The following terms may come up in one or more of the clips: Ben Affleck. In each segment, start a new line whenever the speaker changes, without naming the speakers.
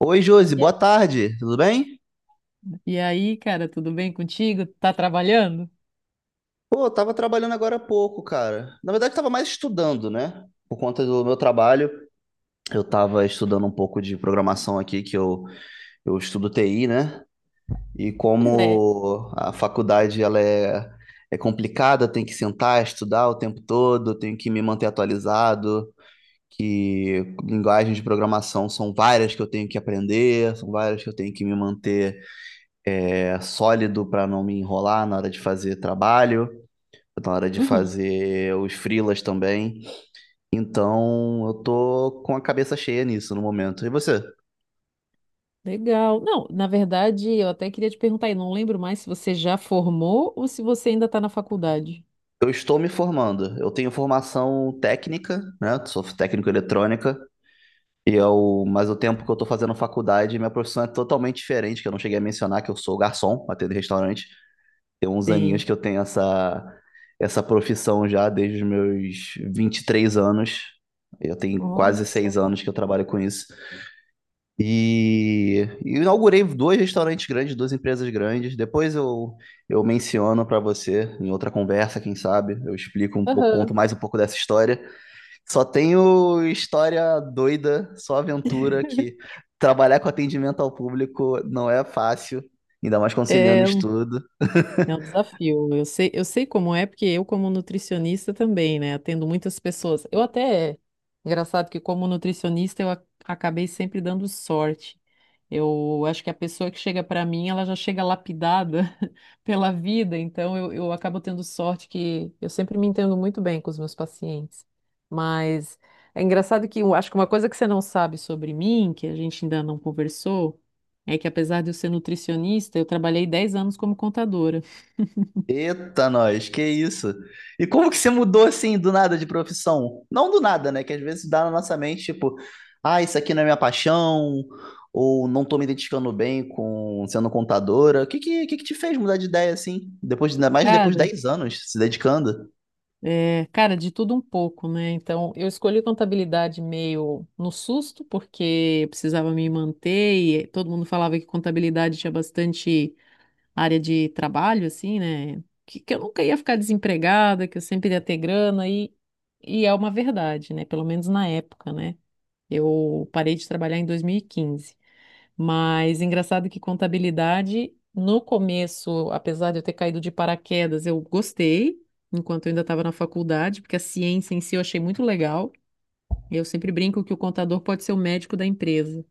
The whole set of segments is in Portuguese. Oi, Josi,
E
boa
a-
tarde, tudo bem?
e aí, cara, tudo bem contigo? Tá trabalhando?
Pô, eu tava trabalhando agora há pouco, cara. Na verdade, tava mais estudando, né? Por conta do meu trabalho, eu tava estudando um pouco de programação aqui, que eu estudo TI, né? E
Pois é.
como a faculdade, ela é complicada, tem que sentar, estudar o tempo todo, tenho que me manter atualizado, que linguagens de programação são várias que eu tenho que aprender, são várias que eu tenho que me manter sólido para não me enrolar na hora de fazer trabalho, na hora de
Uhum.
fazer os freelas também. Então, eu tô com a cabeça cheia nisso no momento. E você?
Legal. Não, na verdade, eu até queria te perguntar, e não lembro mais se você já formou ou se você ainda está na faculdade.
Eu estou me formando. Eu tenho formação técnica, né? Sou técnico em eletrônica. E eu, mas o tempo que eu tô fazendo faculdade, minha profissão é totalmente diferente, que eu não cheguei a mencionar que eu sou garçom, atendo em restaurante. Tem uns aninhos
Sim.
que eu tenho essa profissão já desde os meus 23 anos. Eu tenho quase
Olha
seis
só.
anos que eu trabalho com isso. E inaugurei dois restaurantes grandes, duas empresas grandes. Depois eu menciono para você em outra conversa, quem sabe. Eu explico um pouco, conto
Aham.
mais um pouco dessa história. Só tenho história doida, só aventura que trabalhar com atendimento ao público não é fácil, ainda mais conciliando
É,
estudo.
É um desafio. Eu sei como é, porque eu, como nutricionista, também, né? Atendo muitas pessoas. Eu até. Engraçado que, como nutricionista, eu acabei sempre dando sorte. Eu acho que a pessoa que chega para mim, ela já chega lapidada pela vida, então eu acabo tendo sorte que eu sempre me entendo muito bem com os meus pacientes. Mas é engraçado que eu acho que uma coisa que você não sabe sobre mim, que a gente ainda não conversou, é que apesar de eu ser nutricionista, eu trabalhei 10 anos como contadora.
Eita, nós, que isso? E como que você mudou assim do nada de profissão? Não do nada, né? Que às vezes dá na nossa mente, tipo, ah, isso aqui não é minha paixão, ou não tô me identificando bem com sendo contadora. O que que te fez mudar de ideia assim? Depois, ainda mais depois de
Cara,
10 anos se dedicando
cara, de tudo um pouco, né? Então, eu escolhi contabilidade meio no susto, porque eu precisava me manter e todo mundo falava que contabilidade tinha bastante área de trabalho, assim, né? Que eu nunca ia ficar desempregada, que eu sempre ia ter grana, e é uma verdade, né? Pelo menos na época, né? Eu parei de trabalhar em 2015. Mas engraçado que contabilidade, no começo, apesar de eu ter caído de paraquedas, eu gostei, enquanto eu ainda estava na faculdade, porque a ciência em si eu achei muito legal. Eu sempre brinco que o contador pode ser o médico da empresa.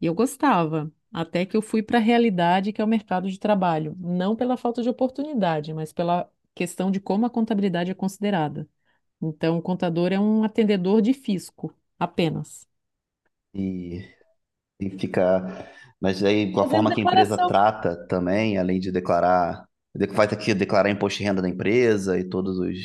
E eu gostava, até que eu fui para a realidade, que é o mercado de trabalho. Não pela falta de oportunidade, mas pela questão de como a contabilidade é considerada. Então, o contador é um atendedor de fisco, apenas.
e, e ficar. Mas aí, com a
Fazendo
forma que a empresa
declaração.
trata também, além de declarar, faz aqui declarar imposto de renda da empresa e todos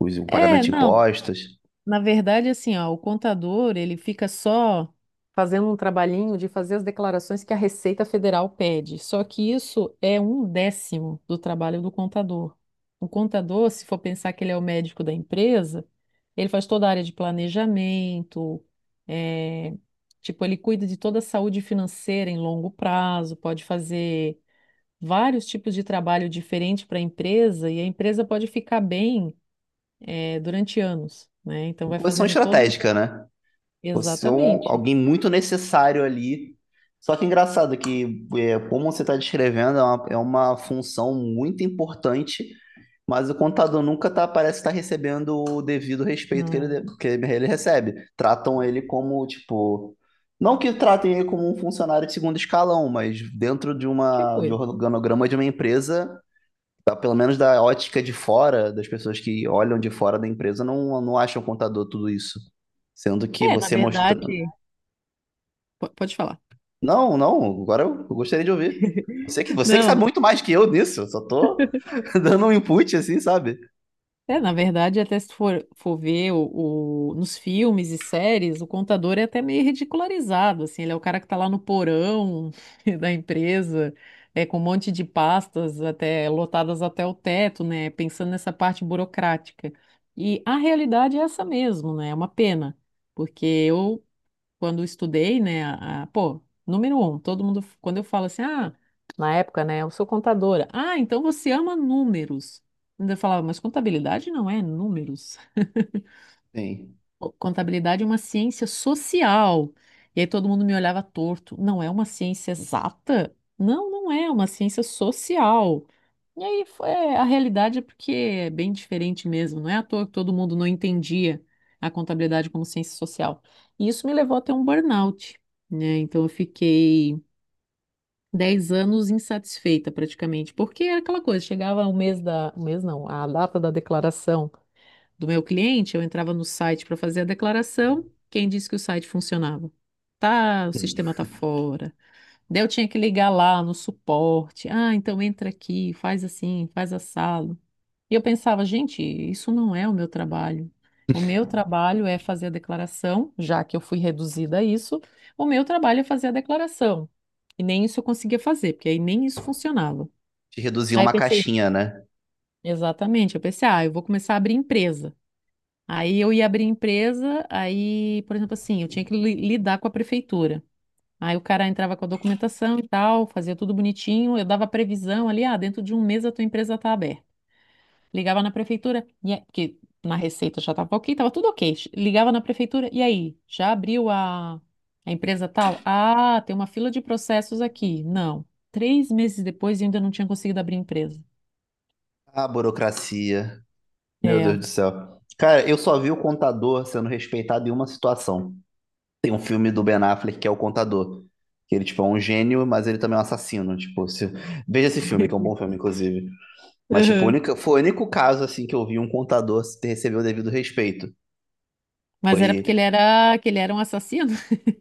os pagamentos
É,
de
não,
impostos.
na verdade, assim, ó, o contador, ele fica só fazendo um trabalhinho de fazer as declarações que a Receita Federal pede. Só que isso é um décimo do trabalho do contador. O contador, se for pensar que ele é o médico da empresa, ele faz toda a área de planejamento, eh, tipo, ele cuida de toda a saúde financeira em longo prazo, pode fazer vários tipos de trabalho diferente para a empresa e a empresa pode ficar bem, durante anos, né? Então vai
Posição
fazendo todo.
estratégica, né? Você é um-
Exatamente.
alguém muito necessário ali. Só que engraçado que, como você está descrevendo, é uma função muito importante, mas o contador nunca tá, parece estar recebendo o devido respeito que ele,
Não.
de- que ele recebe. Tratam ele como, tipo. Não que tratem ele como um funcionário de segundo escalão, mas dentro de uma,
Tipo
de um
isso.
organograma de uma empresa, tá, pelo menos da ótica de fora, das pessoas que olham de fora da empresa, não, não acham o contador tudo isso. Sendo que
É, na
você mostra...
verdade. Pode falar.
Não, não, agora eu gostaria de ouvir. Você que
Não,
sabe muito mais que eu nisso, eu só tô dando um input assim, sabe?
é, na verdade, até se for ver o, nos filmes e séries, o contador é até meio ridicularizado, assim, ele é o cara que tá lá no porão da empresa, com um monte de pastas até lotadas até o teto, né, pensando nessa parte burocrática. E a realidade é essa mesmo, né, é uma pena, porque eu quando eu estudei, né, pô, número um, todo mundo, quando eu falo assim, ah, na época, né, eu sou contadora. Ah, então você ama números. Ainda eu falava, mas contabilidade não é números.
Sim.
Contabilidade é uma ciência social. E aí todo mundo me olhava torto. Não é uma ciência exata? Não, não é. Uma ciência social. E aí foi, a realidade é porque é bem diferente mesmo. Não é à toa que todo mundo não entendia a contabilidade como ciência social. E isso me levou a ter um burnout, né? Então eu fiquei 10 anos insatisfeita praticamente, porque era aquela coisa, chegava o mês da, o mês não, a data da declaração do meu cliente, eu entrava no site para fazer a declaração, quem disse que o site funcionava? Tá, o sistema tá fora. Daí eu tinha que ligar lá no suporte. Ah, então entra aqui, faz assim, faz assado. E eu pensava, gente, isso não é o meu trabalho. O meu trabalho é fazer a declaração, já que eu fui reduzida a isso, o meu trabalho é fazer a declaração. E nem isso eu conseguia fazer, porque aí nem isso funcionava.
Te reduzir a
Aí eu
uma
pensei,
caixinha, né?
exatamente, eu pensei, ah, eu vou começar a abrir empresa. Aí eu ia abrir empresa, aí, por exemplo, assim, eu tinha que lidar com a prefeitura. Aí o cara entrava com a documentação e tal, fazia tudo bonitinho, eu dava previsão ali, ah, dentro de um mês a tua empresa está aberta. Ligava na prefeitura, porque na receita já estava ok, estava tudo ok. Ligava na prefeitura, e aí? Já abriu a empresa tal? Ah, tem uma fila de processos aqui. Não. 3 meses depois e ainda não tinha conseguido abrir a empresa.
Ah, burocracia. Meu Deus
É.
do céu. Cara, eu só vi o contador sendo respeitado em uma situação. Tem um filme do Ben Affleck que é o contador. Que ele, tipo, é um gênio, mas ele também é um assassino. Tipo, se- veja esse filme, que é um bom filme, inclusive. Mas, tipo, o
Uhum.
único- foi o único caso, assim, que eu vi um contador receber o devido respeito.
Mas era
Foi.
porque ele era, que ele era um assassino?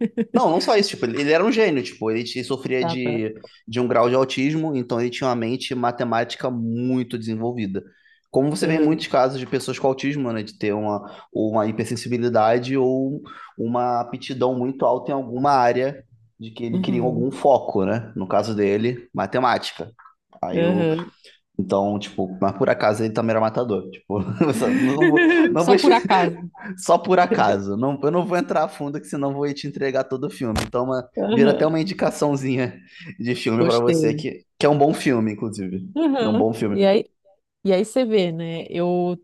Não, não só isso, tipo, ele era um gênio, tipo, sofria
Tá, tá.
de um grau de autismo, então ele tinha uma mente matemática muito desenvolvida. Como você vê em muitos
Uhum.
casos de pessoas com autismo, né, de ter uma hipersensibilidade ou uma aptidão muito alta em alguma área de que ele queria
Uhum.
algum foco, né? No caso dele, matemática. Aí o
Uhum.
Então, tipo, mas por acaso ele também era matador, tipo, não vou, não vou
Só por acaso.
só por acaso. Não, eu não vou entrar a fundo, que senão vou te entregar todo o filme. Então, vira até
Aham,
uma indicaçãozinha de filme pra você,
gostei.
que é um bom filme, inclusive. É um
Aham.
bom
E
filme.
aí, E aí, você vê, né? Eu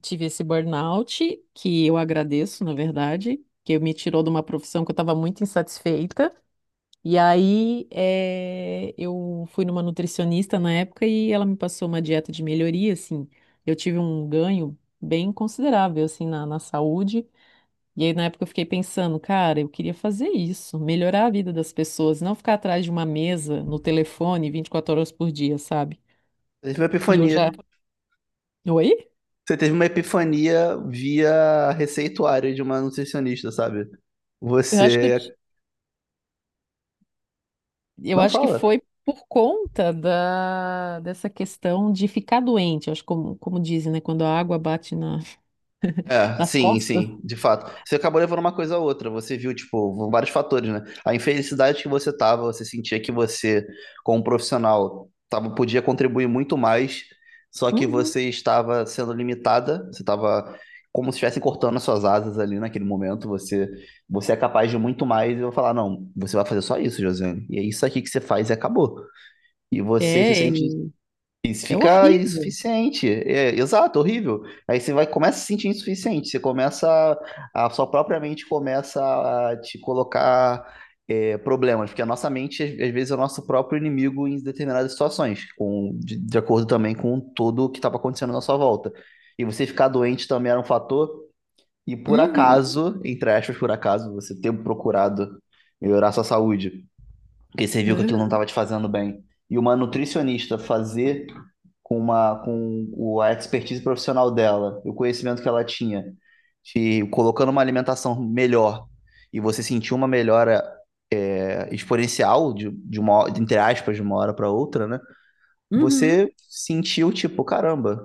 tive esse burnout, que eu agradeço, na verdade, que me tirou de uma profissão que eu estava muito insatisfeita. E aí, eu fui numa nutricionista na época e ela me passou uma dieta de melhoria, assim. Eu tive um ganho bem considerável, assim, na saúde. E aí na época eu fiquei pensando, cara, eu queria fazer isso, melhorar a vida das pessoas, não ficar atrás de uma mesa, no telefone, 24 horas por dia, sabe?
Teve uma
E eu
epifania.
já... Oi?
Você teve uma epifania via receituário de uma nutricionista, sabe?
Eu acho que eu
Você
Eu
não
acho que
fala.
foi por conta dessa questão de ficar doente, eu acho como dizem, né? Quando a água bate
É,
nas
sim,
costas.
sim, de fato. Você acabou levando uma coisa a outra, você viu, tipo, vários fatores, né? A infelicidade que você tava, você sentia que você, como profissional, tava, podia contribuir muito mais, só que
Uhum.
você estava sendo limitada, você estava como se estivesse cortando as suas asas ali naquele momento, você, você é capaz de muito mais, e eu vou falar, não, você vai fazer só isso, Josiane, e é isso aqui que você faz e acabou. E você se
É,
sente isso
é
fica
horrível.
insuficiente. É, exato, horrível. Aí você vai começa a se sentir insuficiente. Você começa a sua própria mente começa a te colocar problemas, porque a nossa mente às vezes é o nosso próprio inimigo em determinadas situações, de acordo também com tudo o que estava acontecendo na sua volta. E você ficar doente também era um fator. E por
Uhum.
acaso, entre aspas, por acaso, você ter procurado melhorar sua saúde, porque você viu que aquilo não
É.
estava te fazendo bem. E uma nutricionista fazer com a expertise profissional dela, e o conhecimento que ela tinha, te colocando uma alimentação melhor e você sentir uma melhora exponencial de entre aspas de uma hora para outra, né?
Uhum.
Você sentiu tipo, caramba,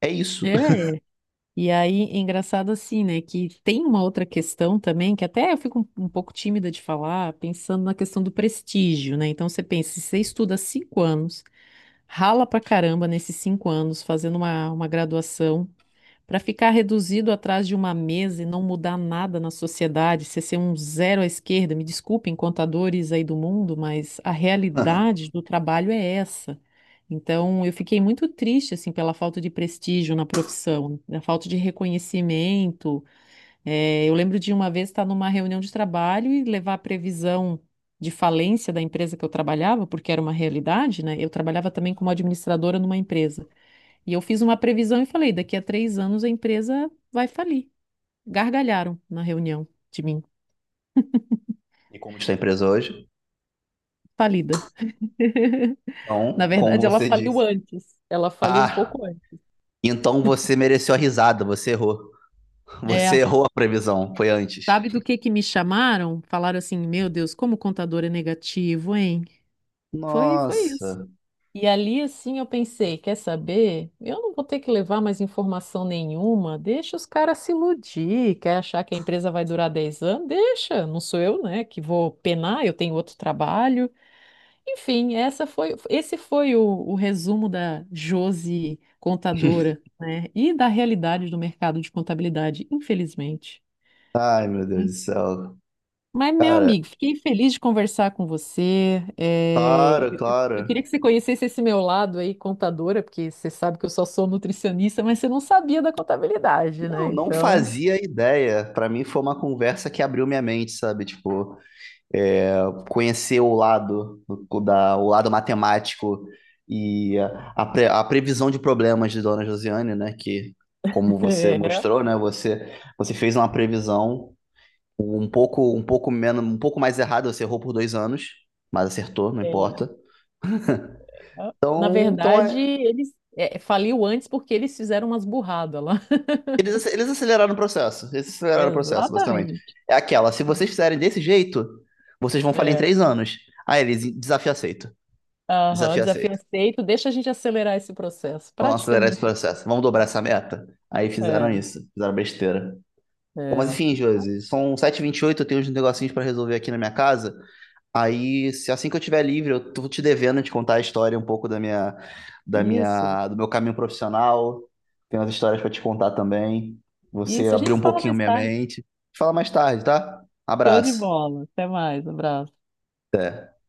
é isso.
É. é. E aí, é engraçado assim, né? Que tem uma outra questão também, que até eu fico um pouco tímida de falar, pensando na questão do prestígio, né? Então você pensa, se você estuda 5 anos, rala pra caramba nesses 5 anos, fazendo uma graduação. Para ficar reduzido atrás de uma mesa e não mudar nada na sociedade, ser um zero à esquerda, me desculpem, contadores aí do mundo, mas a realidade do trabalho é essa. Então, eu fiquei muito triste assim pela falta de prestígio na profissão, a falta de reconhecimento. Eu lembro de uma vez estar numa reunião de trabalho e levar a previsão de falência da empresa que eu trabalhava, porque era uma realidade, né? Eu trabalhava também como administradora numa empresa. E eu fiz uma previsão e falei: daqui a 3 anos a empresa vai falir. Gargalharam na reunião de mim,
E como está a empresa hoje?
falida. Na
Então, como
verdade, ela
você
faliu
disse,
antes. Ela faliu um
ah,
pouco antes.
então você mereceu a risada, você errou. Você
É.
errou a previsão, foi antes.
Sabe do que me chamaram? Falaram assim: Meu Deus, como o contador é negativo, hein? Foi isso.
Nossa.
E ali, assim, eu pensei: Quer saber? Eu não vou ter que levar mais informação nenhuma. Deixa os caras se iludir. Quer achar que a empresa vai durar 10 anos? Deixa. Não sou eu, né, que vou penar. Eu tenho outro trabalho. Enfim, essa foi, esse foi o resumo da Josi contadora, né? E da realidade do mercado de contabilidade, infelizmente.
Ai, meu Deus do
Mas,
céu.
meu
Cara,
amigo, fiquei feliz de conversar com você.
claro,
Eu queria
claro.
que você conhecesse esse meu lado aí, contadora, porque você sabe que eu só sou nutricionista, mas você não sabia da contabilidade,
Não,
né?
não
Então,
fazia ideia. Pra mim foi uma conversa que abriu minha mente, sabe? Tipo, é, conhecer o lado o lado matemático e a previsão de problemas de Dona Josiane, né? Que, como você
é,
mostrou, né? Você fez uma previsão um pouco menos um pouco mais errada. Você errou por 2 anos, mas acertou, não
é.
importa.
Na
Então, então
verdade,
é,
eles faliu antes porque eles fizeram umas burradas lá.
eles, eles aceleraram o processo. Eles aceleraram o processo, basicamente.
Exatamente.
É aquela, se vocês fizerem desse jeito, vocês vão falhar em
É.
3 anos. Aí eles, desafio aceito.
Aham,
Desafio
desafio
aceito.
aceito. Deixa a gente acelerar esse processo.
Vamos acelerar esse
Praticamente.
processo. Vamos dobrar essa meta. Aí fizeram
É,
isso. Fizeram besteira. Bom, mas
é.
enfim, Josi, são 7h28, eu tenho uns negocinhos pra resolver aqui na minha casa. Aí, se assim que eu tiver livre, eu tô te devendo te contar a história um pouco da
Isso,
minha, do meu caminho profissional. Tem umas histórias para te contar também. Você
isso. A
abriu
gente
um
fala
pouquinho
mais
minha
tarde.
mente. Te fala mais tarde, tá?
Show de
Abraço.
bola. Até mais. Abraço.
Até.